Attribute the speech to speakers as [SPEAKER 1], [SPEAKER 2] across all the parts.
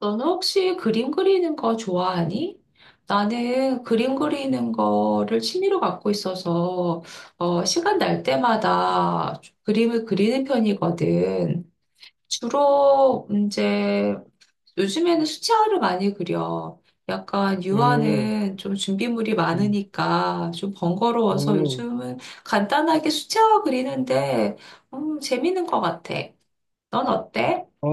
[SPEAKER 1] 너는 혹시 그림 그리는 거 좋아하니? 나는 그림 그리는 거를 취미로 갖고 있어서 시간 날 때마다 그림을 그리는 편이거든. 주로 이제 요즘에는 수채화를 많이 그려. 약간
[SPEAKER 2] 음,
[SPEAKER 1] 유화는 좀 준비물이
[SPEAKER 2] 음,
[SPEAKER 1] 많으니까 좀 번거로워서
[SPEAKER 2] 음.
[SPEAKER 1] 요즘은 간단하게 수채화 그리는데 재밌는 것 같아. 넌 어때?
[SPEAKER 2] 아,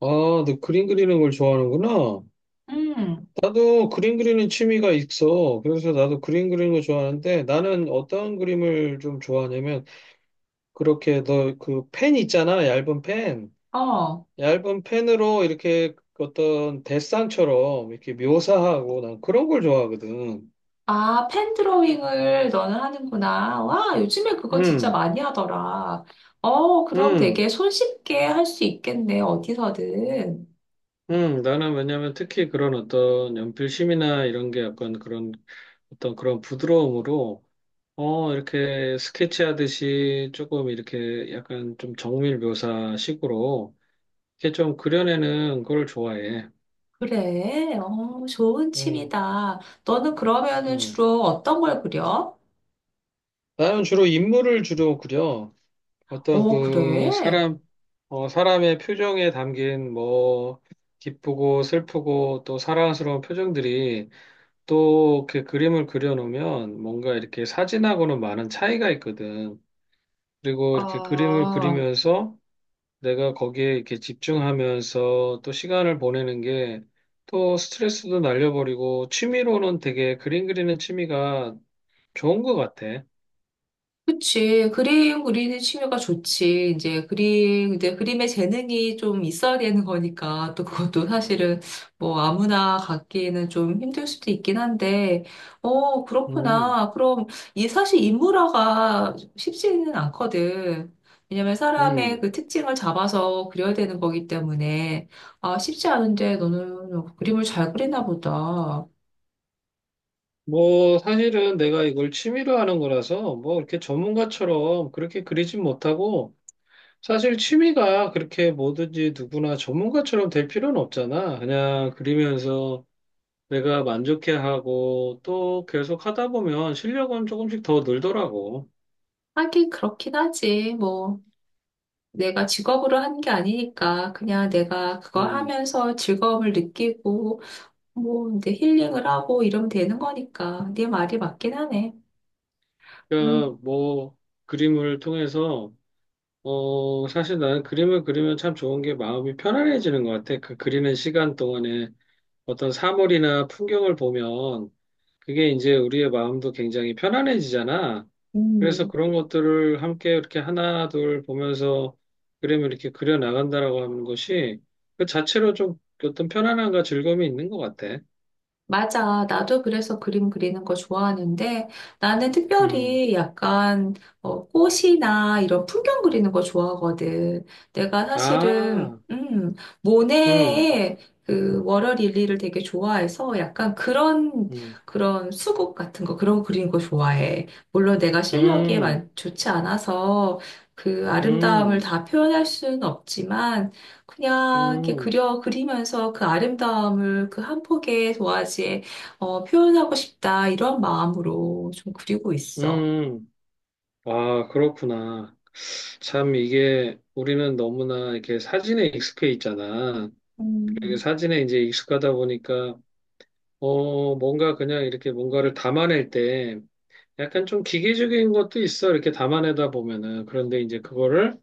[SPEAKER 2] 아, 너 그림 그리는 걸 좋아하는구나.
[SPEAKER 1] 음,
[SPEAKER 2] 나도 그림 그리는 취미가 있어. 그래서 나도 그림 그리는 거 좋아하는데 나는 어떤 그림을 좀 좋아하냐면 그렇게 너 그 펜 있잖아. 얇은 펜.
[SPEAKER 1] 어.
[SPEAKER 2] 얇은 펜으로 이렇게 어떤 데상처럼 이렇게 묘사하고 난 그런 걸 좋아하거든.
[SPEAKER 1] 아, 펜 드로잉을 너는 하는구나. 와, 요즘에 그거 진짜
[SPEAKER 2] 음,
[SPEAKER 1] 많이 하더라. 어, 그럼
[SPEAKER 2] 음,
[SPEAKER 1] 되게 손쉽게 할 수 있겠네, 어디서든.
[SPEAKER 2] 나는 왜냐면 특히 그런 어떤 연필심이나 이런 게 약간 그런 어떤 그런 부드러움으로 어, 이렇게 스케치하듯이 조금 이렇게 약간 좀 정밀 묘사식으로 이렇게 좀 그려내는 걸 좋아해.
[SPEAKER 1] 그래, 어, 좋은
[SPEAKER 2] 음,
[SPEAKER 1] 취미다. 너는 그러면은
[SPEAKER 2] 음.
[SPEAKER 1] 주로 어떤 걸 그려?
[SPEAKER 2] 나는 주로 인물을 주로 그려. 어떤
[SPEAKER 1] 어,
[SPEAKER 2] 그
[SPEAKER 1] 그래?
[SPEAKER 2] 사람, 어, 사람의 표정에 담긴 뭐 기쁘고 슬프고 또 사랑스러운 표정들이 또 이렇게 그림을 그려놓으면 뭔가 이렇게 사진하고는 많은 차이가 있거든. 그리고 이렇게 그림을
[SPEAKER 1] 아.
[SPEAKER 2] 그리면서 내가 거기에 이렇게 집중하면서 또 시간을 보내는 게 또 스트레스도 날려버리고 취미로는 되게 그림 그리는 취미가 좋은 것 같아.
[SPEAKER 1] 그치. 그림 그리는 취미가 좋지. 이제 그림에 재능이 좀 있어야 되는 거니까 또 그것도 사실은 뭐 아무나 갖기에는 좀 힘들 수도 있긴 한데, 어,
[SPEAKER 2] 음,
[SPEAKER 1] 그렇구나. 그럼 이 사실 인물화가 쉽지는 않거든. 왜냐면 사람의
[SPEAKER 2] 음.
[SPEAKER 1] 그 특징을 잡아서 그려야 되는 거기 때문에, 아, 쉽지 않은데 너는 뭐 그림을 잘 그리나 보다.
[SPEAKER 2] 뭐 사실은 내가 이걸 취미로 하는 거라서 뭐 이렇게 전문가처럼 그렇게 그리진 못하고 사실 취미가 그렇게 뭐든지 누구나 전문가처럼 될 필요는 없잖아. 그냥 그리면서 내가 만족해하고 또 계속 하다 보면 실력은 조금씩 더 늘더라고.
[SPEAKER 1] 하긴 그렇긴 하지. 뭐. 내가 직업으로 한 게 아니니까 그냥 내가 그거
[SPEAKER 2] 음.
[SPEAKER 1] 하면서 즐거움을 느끼고 뭐 이제 힐링을 하고 이러면 되는 거니까 네 말이 맞긴 하네. 음,
[SPEAKER 2] 그러니까 뭐 그림을 통해서 어 사실 나는 그림을 그리면 참 좋은 게 마음이 편안해지는 것 같아. 그 그리는 시간 동안에 어떤 사물이나 풍경을 보면 그게 이제 우리의 마음도 굉장히 편안해지잖아. 그래서
[SPEAKER 1] 음.
[SPEAKER 2] 그런 것들을 함께 이렇게 하나 둘 보면서 그림을 이렇게 그려 나간다라고 하는 것이 그 자체로 좀 어떤 편안함과 즐거움이 있는 것 같아.
[SPEAKER 1] 맞아. 나도 그래서 그림 그리는 거 좋아하는데 나는
[SPEAKER 2] 음.
[SPEAKER 1] 특별히 약간 꽃이나 이런 풍경 그리는 거 좋아하거든. 내가 사실은
[SPEAKER 2] 아. 음.
[SPEAKER 1] 모네의 그 워러릴리를 되게 좋아해서 약간 그런
[SPEAKER 2] 음.
[SPEAKER 1] 그런 수국 같은 거 그런 거 그리는 거 좋아해. 물론 내가 실력이
[SPEAKER 2] 음.
[SPEAKER 1] 좋지 않아서 그 아름다움을
[SPEAKER 2] 음.
[SPEAKER 1] 다 표현할 수는 없지만 그냥 이렇게
[SPEAKER 2] 음.
[SPEAKER 1] 그려 그리면서 그 아름다움을 그 한 폭의 도화지에 표현하고 싶다 이런 마음으로 좀 그리고 있어.
[SPEAKER 2] 음, 아, 그렇구나. 참, 이게 우리는 너무나 이렇게 사진에 익숙해 있잖아. 그리고
[SPEAKER 1] 음,
[SPEAKER 2] 사진에 이제 익숙하다 보니까, 어, 뭔가 그냥 이렇게 뭔가를 담아낼 때 약간 좀 기계적인 것도 있어. 이렇게 담아내다 보면은. 그런데 이제 그거를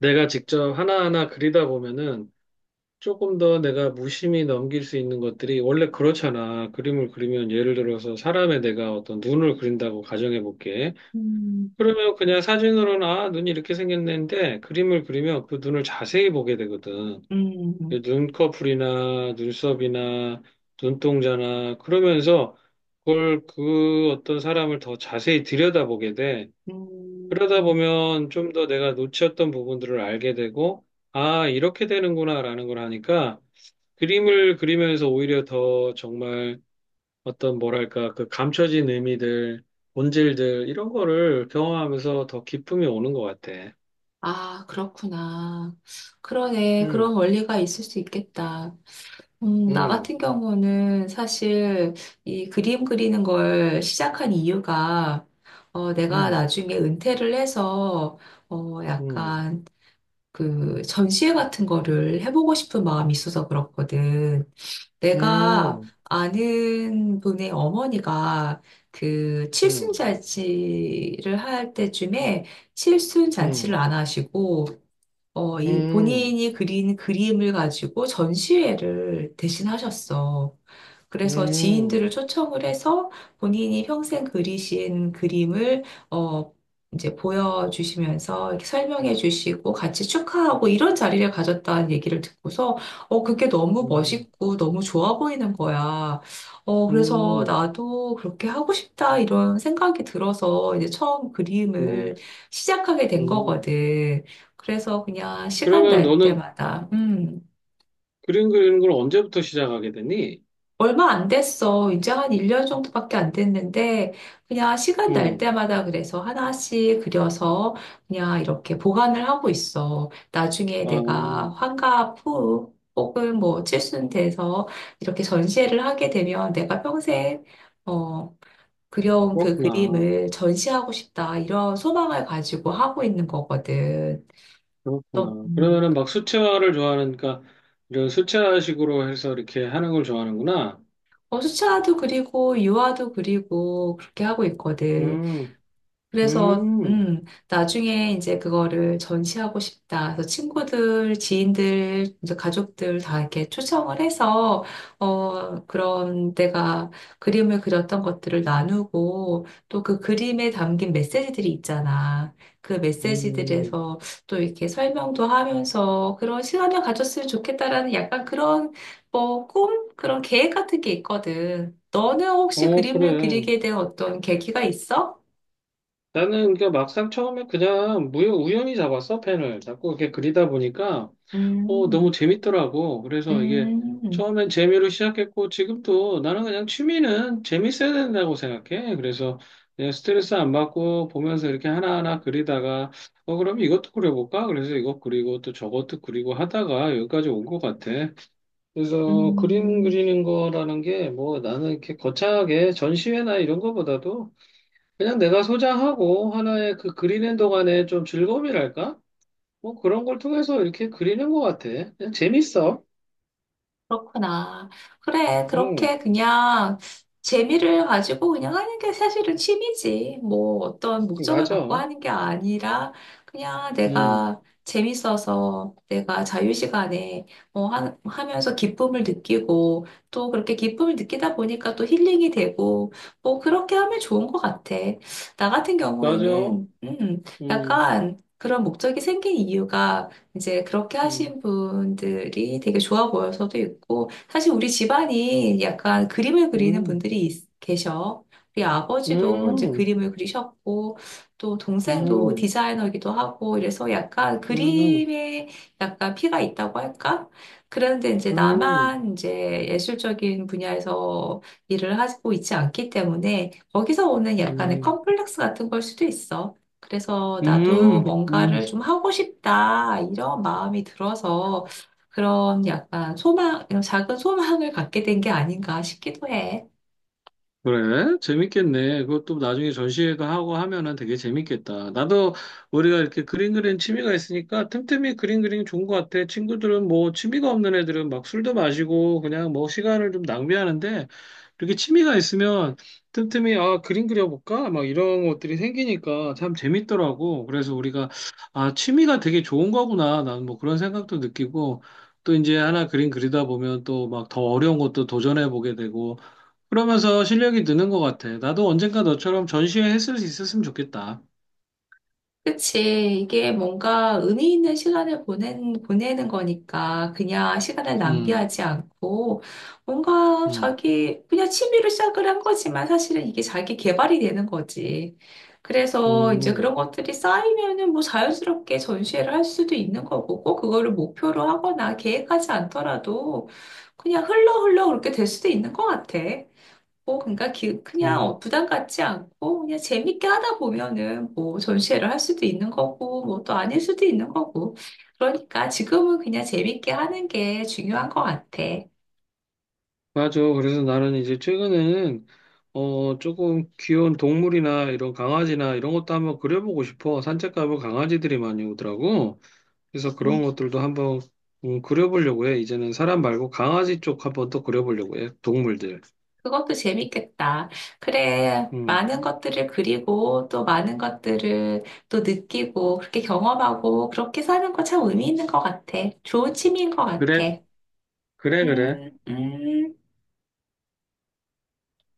[SPEAKER 2] 내가 직접 하나하나 그리다 보면은 조금 더 내가 무심히 넘길 수 있는 것들이 원래 그렇잖아. 그림을 그리면 예를 들어서 사람의 내가 어떤 눈을 그린다고 가정해 볼게.
[SPEAKER 1] 음,
[SPEAKER 2] 그러면 그냥 사진으로는 아, 눈이 이렇게 생겼는데 그림을 그리면 그 눈을 자세히 보게 되거든. 그
[SPEAKER 1] 음,
[SPEAKER 2] 눈꺼풀이나 눈썹이나 눈동자나 그러면서 그걸 그 어떤 사람을 더 자세히 들여다보게 돼. 그러다
[SPEAKER 1] 음.
[SPEAKER 2] 보면 좀 더 내가 놓쳤던 부분들을 알게 되고 아, 이렇게 되는구나라는 걸 하니까 그림을 그리면서 오히려 더 정말 어떤 뭐랄까 그 감춰진 의미들, 본질들 이런 거를 경험하면서 더 기쁨이 오는 것 같아.
[SPEAKER 1] 아, 그렇구나. 그러네.
[SPEAKER 2] 음,
[SPEAKER 1] 그런 원리가 있을 수 있겠다. 나
[SPEAKER 2] 음,
[SPEAKER 1] 같은 경우는 사실 이 그림 그리는 걸 시작한 이유가 내가
[SPEAKER 2] 음,
[SPEAKER 1] 나중에 은퇴를 해서
[SPEAKER 2] 음,
[SPEAKER 1] 약간 그 전시회 같은 거를 해보고 싶은 마음이 있어서 그렇거든. 내가
[SPEAKER 2] 음,
[SPEAKER 1] 아는 분의 어머니가 그
[SPEAKER 2] 음,
[SPEAKER 1] 칠순잔치를 할 때쯤에
[SPEAKER 2] 음,
[SPEAKER 1] 칠순잔치를
[SPEAKER 2] 음,
[SPEAKER 1] 안 하시고 이
[SPEAKER 2] 음,
[SPEAKER 1] 본인이 그린 그림을 가지고 전시회를 대신하셨어. 그래서
[SPEAKER 2] 음,
[SPEAKER 1] 지인들을 초청을 해서 본인이 평생 그리신 그림을 어, 이제 보여주시면서 이렇게 설명해 주시고 같이 축하하고 이런 자리를 가졌다는 얘기를 듣고서 그게 너무 멋있고 너무 좋아 보이는 거야.
[SPEAKER 2] 음,
[SPEAKER 1] 그래서
[SPEAKER 2] 음,
[SPEAKER 1] 나도 그렇게 하고 싶다 이런 생각이 들어서 이제 처음 그림을 시작하게 된
[SPEAKER 2] 음.
[SPEAKER 1] 거거든. 그래서 그냥 시간
[SPEAKER 2] 그러면
[SPEAKER 1] 날
[SPEAKER 2] 너는
[SPEAKER 1] 때마다,
[SPEAKER 2] 그림 그리는 걸 언제부터 시작하게 되니?
[SPEAKER 1] 얼마 안 됐어. 이제 한 1년 정도밖에 안 됐는데, 그냥 시간 날
[SPEAKER 2] 음,
[SPEAKER 1] 때마다 그래서 하나씩 그려서 그냥 이렇게 보관을 하고 있어. 나중에 내가
[SPEAKER 2] 아,
[SPEAKER 1] 환갑 후, 혹은 뭐 칠순 돼서 이렇게 전시회를 하게 되면 내가 평생, 어, 그려온 그
[SPEAKER 2] 그렇구나,
[SPEAKER 1] 그림을 전시하고 싶다. 이런 소망을 가지고 하고 있는 거거든. 너,
[SPEAKER 2] 그렇구나. 그러면은 막 수채화를 좋아하니까 이런 수채화식으로 해서 이렇게 하는 걸 좋아하는구나.
[SPEAKER 1] 어, 수차도 그리고 유아도 그리고 그렇게 하고 있거든.
[SPEAKER 2] 음.
[SPEAKER 1] 그래서
[SPEAKER 2] 음,
[SPEAKER 1] 나중에 이제 그거를 전시하고 싶다. 그래서 친구들, 지인들, 이제 가족들 다 이렇게 초청을 해서 그런 내가 그림을 그렸던 것들을 나누고 또 그 그림에 담긴 메시지들이 있잖아. 그
[SPEAKER 2] 음,
[SPEAKER 1] 메시지들에서 또 이렇게 설명도 하면서 그런 시간을 가졌으면 좋겠다라는 약간 그런 뭐 꿈? 그런 계획 같은 게 있거든. 너는 혹시
[SPEAKER 2] 어,
[SPEAKER 1] 그림을
[SPEAKER 2] 그래.
[SPEAKER 1] 그리게 된 어떤 계기가 있어?
[SPEAKER 2] 나는 그 막상 처음에 그냥 우연히 잡았어, 펜을. 자꾸 이렇게 그리다 보니까, 어, 너무
[SPEAKER 1] 음,
[SPEAKER 2] 재밌더라고. 그래서 이게
[SPEAKER 1] 음,
[SPEAKER 2] 처음엔 재미로 시작했고, 지금도 나는 그냥 취미는 재밌어야 된다고 생각해. 그래서 그냥 스트레스 안 받고 보면서 이렇게 하나하나 그리다가, 어, 그럼 이것도 그려볼까? 그래서 이것 그리고 또 저것도 그리고 하다가 여기까지 온 것 같아. 그래서 그림
[SPEAKER 1] 음,
[SPEAKER 2] 그리는 거라는 게 뭐 나는 이렇게 거창하게 전시회나 이런 거보다도 그냥 내가 소장하고 하나의 그 그리는 동안에 좀 즐거움이랄까? 뭐 그런 걸 통해서 이렇게 그리는 것 같아. 그냥 재밌어.
[SPEAKER 1] 그렇구나. 그래,
[SPEAKER 2] 응,
[SPEAKER 1] 그렇게 그냥 재미를 가지고 그냥 하는 게 사실은 취미지. 뭐 어떤 목적을 갖고
[SPEAKER 2] 맞아.
[SPEAKER 1] 하는 게 아니라 그냥
[SPEAKER 2] 응,
[SPEAKER 1] 내가 재밌어서 내가 자유시간에 뭐 하면서 기쁨을 느끼고 또 그렇게 기쁨을 느끼다 보니까 또 힐링이 되고 뭐 그렇게 하면 좋은 것 같아. 나 같은
[SPEAKER 2] 맞아.
[SPEAKER 1] 경우에는,
[SPEAKER 2] 응,
[SPEAKER 1] 약간 그런 목적이 생긴 이유가 이제 그렇게
[SPEAKER 2] 응,
[SPEAKER 1] 하신 분들이 되게 좋아 보여서도 있고, 사실 우리 집안이 약간 그림을 그리는
[SPEAKER 2] 응,
[SPEAKER 1] 분들이 계셔. 우리 아버지도 이제
[SPEAKER 2] 응,
[SPEAKER 1] 그림을 그리셨고, 또 동생도
[SPEAKER 2] 응,
[SPEAKER 1] 디자이너기도 하고, 이래서 약간
[SPEAKER 2] 응, 응,
[SPEAKER 1] 그림에 약간 피가 있다고 할까? 그런데 이제
[SPEAKER 2] 응,
[SPEAKER 1] 나만 이제 예술적인 분야에서 일을 하고 있지 않기 때문에 거기서 오는 약간의
[SPEAKER 2] 응,
[SPEAKER 1] 컴플렉스 같은 걸 수도 있어. 그래서 나도
[SPEAKER 2] 응, 응.
[SPEAKER 1] 뭔가를 좀 하고 싶다, 이런 마음이 들어서 그런 약간 소망, 작은 소망을 갖게 된 게 아닌가 싶기도 해.
[SPEAKER 2] 그래? 재밌겠네. 그것도 나중에 전시회도 하고 하면은 되게 재밌겠다. 나도 우리가 이렇게 그림 그리는 취미가 있으니까 틈틈이 그림 그리는 게 좋은 것 같아. 친구들은 뭐 취미가 없는 애들은 막 술도 마시고 그냥 뭐 시간을 좀 낭비하는데 이렇게 취미가 있으면 틈틈이 아, 그림 그려볼까? 막 이런 것들이 생기니까 참 재밌더라고. 그래서 우리가 아, 취미가 되게 좋은 거구나. 난 뭐 그런 생각도 느끼고 또 이제 하나 그림 그리다 보면 또 막 더 어려운 것도 도전해 보게 되고 그러면서 실력이 느는 것 같아. 나도 언젠가 너처럼 전시회 했을 수 있었으면 좋겠다.
[SPEAKER 1] 그치. 이게 뭔가 의미 있는 시간을 보내는 거니까 그냥 시간을
[SPEAKER 2] 음,
[SPEAKER 1] 낭비하지 않고 뭔가
[SPEAKER 2] 음,
[SPEAKER 1] 자기 그냥 취미로 시작을 한 거지만 사실은 이게 자기 개발이 되는 거지. 그래서 이제
[SPEAKER 2] 음,
[SPEAKER 1] 그런 것들이 쌓이면은 뭐 자연스럽게 전시회를 할 수도 있는 거고 꼭 그거를 목표로 하거나 계획하지 않더라도 그냥 흘러 흘러 그렇게 될 수도 있는 것 같아. 뭐, 그러니까 그냥
[SPEAKER 2] 음.
[SPEAKER 1] 부담 갖지 않고 그냥 재밌게 하다 보면은 뭐 전시회를 할 수도 있는 거고 뭐 또 아닐 수도 있는 거고 그러니까 지금은 그냥 재밌게 하는 게 중요한 것 같아.
[SPEAKER 2] 맞아. 그래서 나는 이제 최근에는 어 조금 귀여운 동물이나 이런 강아지나 이런 것도 한번 그려보고 싶어. 산책 가면 강아지들이 많이 오더라고. 그래서
[SPEAKER 1] 음,
[SPEAKER 2] 그런 것들도 한번 그려보려고 해. 이제는 사람 말고 강아지 쪽 한번 또 그려보려고 해. 동물들.
[SPEAKER 1] 그것도 재밌겠다. 그래,
[SPEAKER 2] 음,
[SPEAKER 1] 많은 것들을 그리고 또 많은 것들을 또 느끼고 그렇게 경험하고 그렇게 사는 거 참 의미 있는 것 같아. 좋은 취미인 것
[SPEAKER 2] 그래,
[SPEAKER 1] 같아.
[SPEAKER 2] 그래, 그래.
[SPEAKER 1] 음, 음.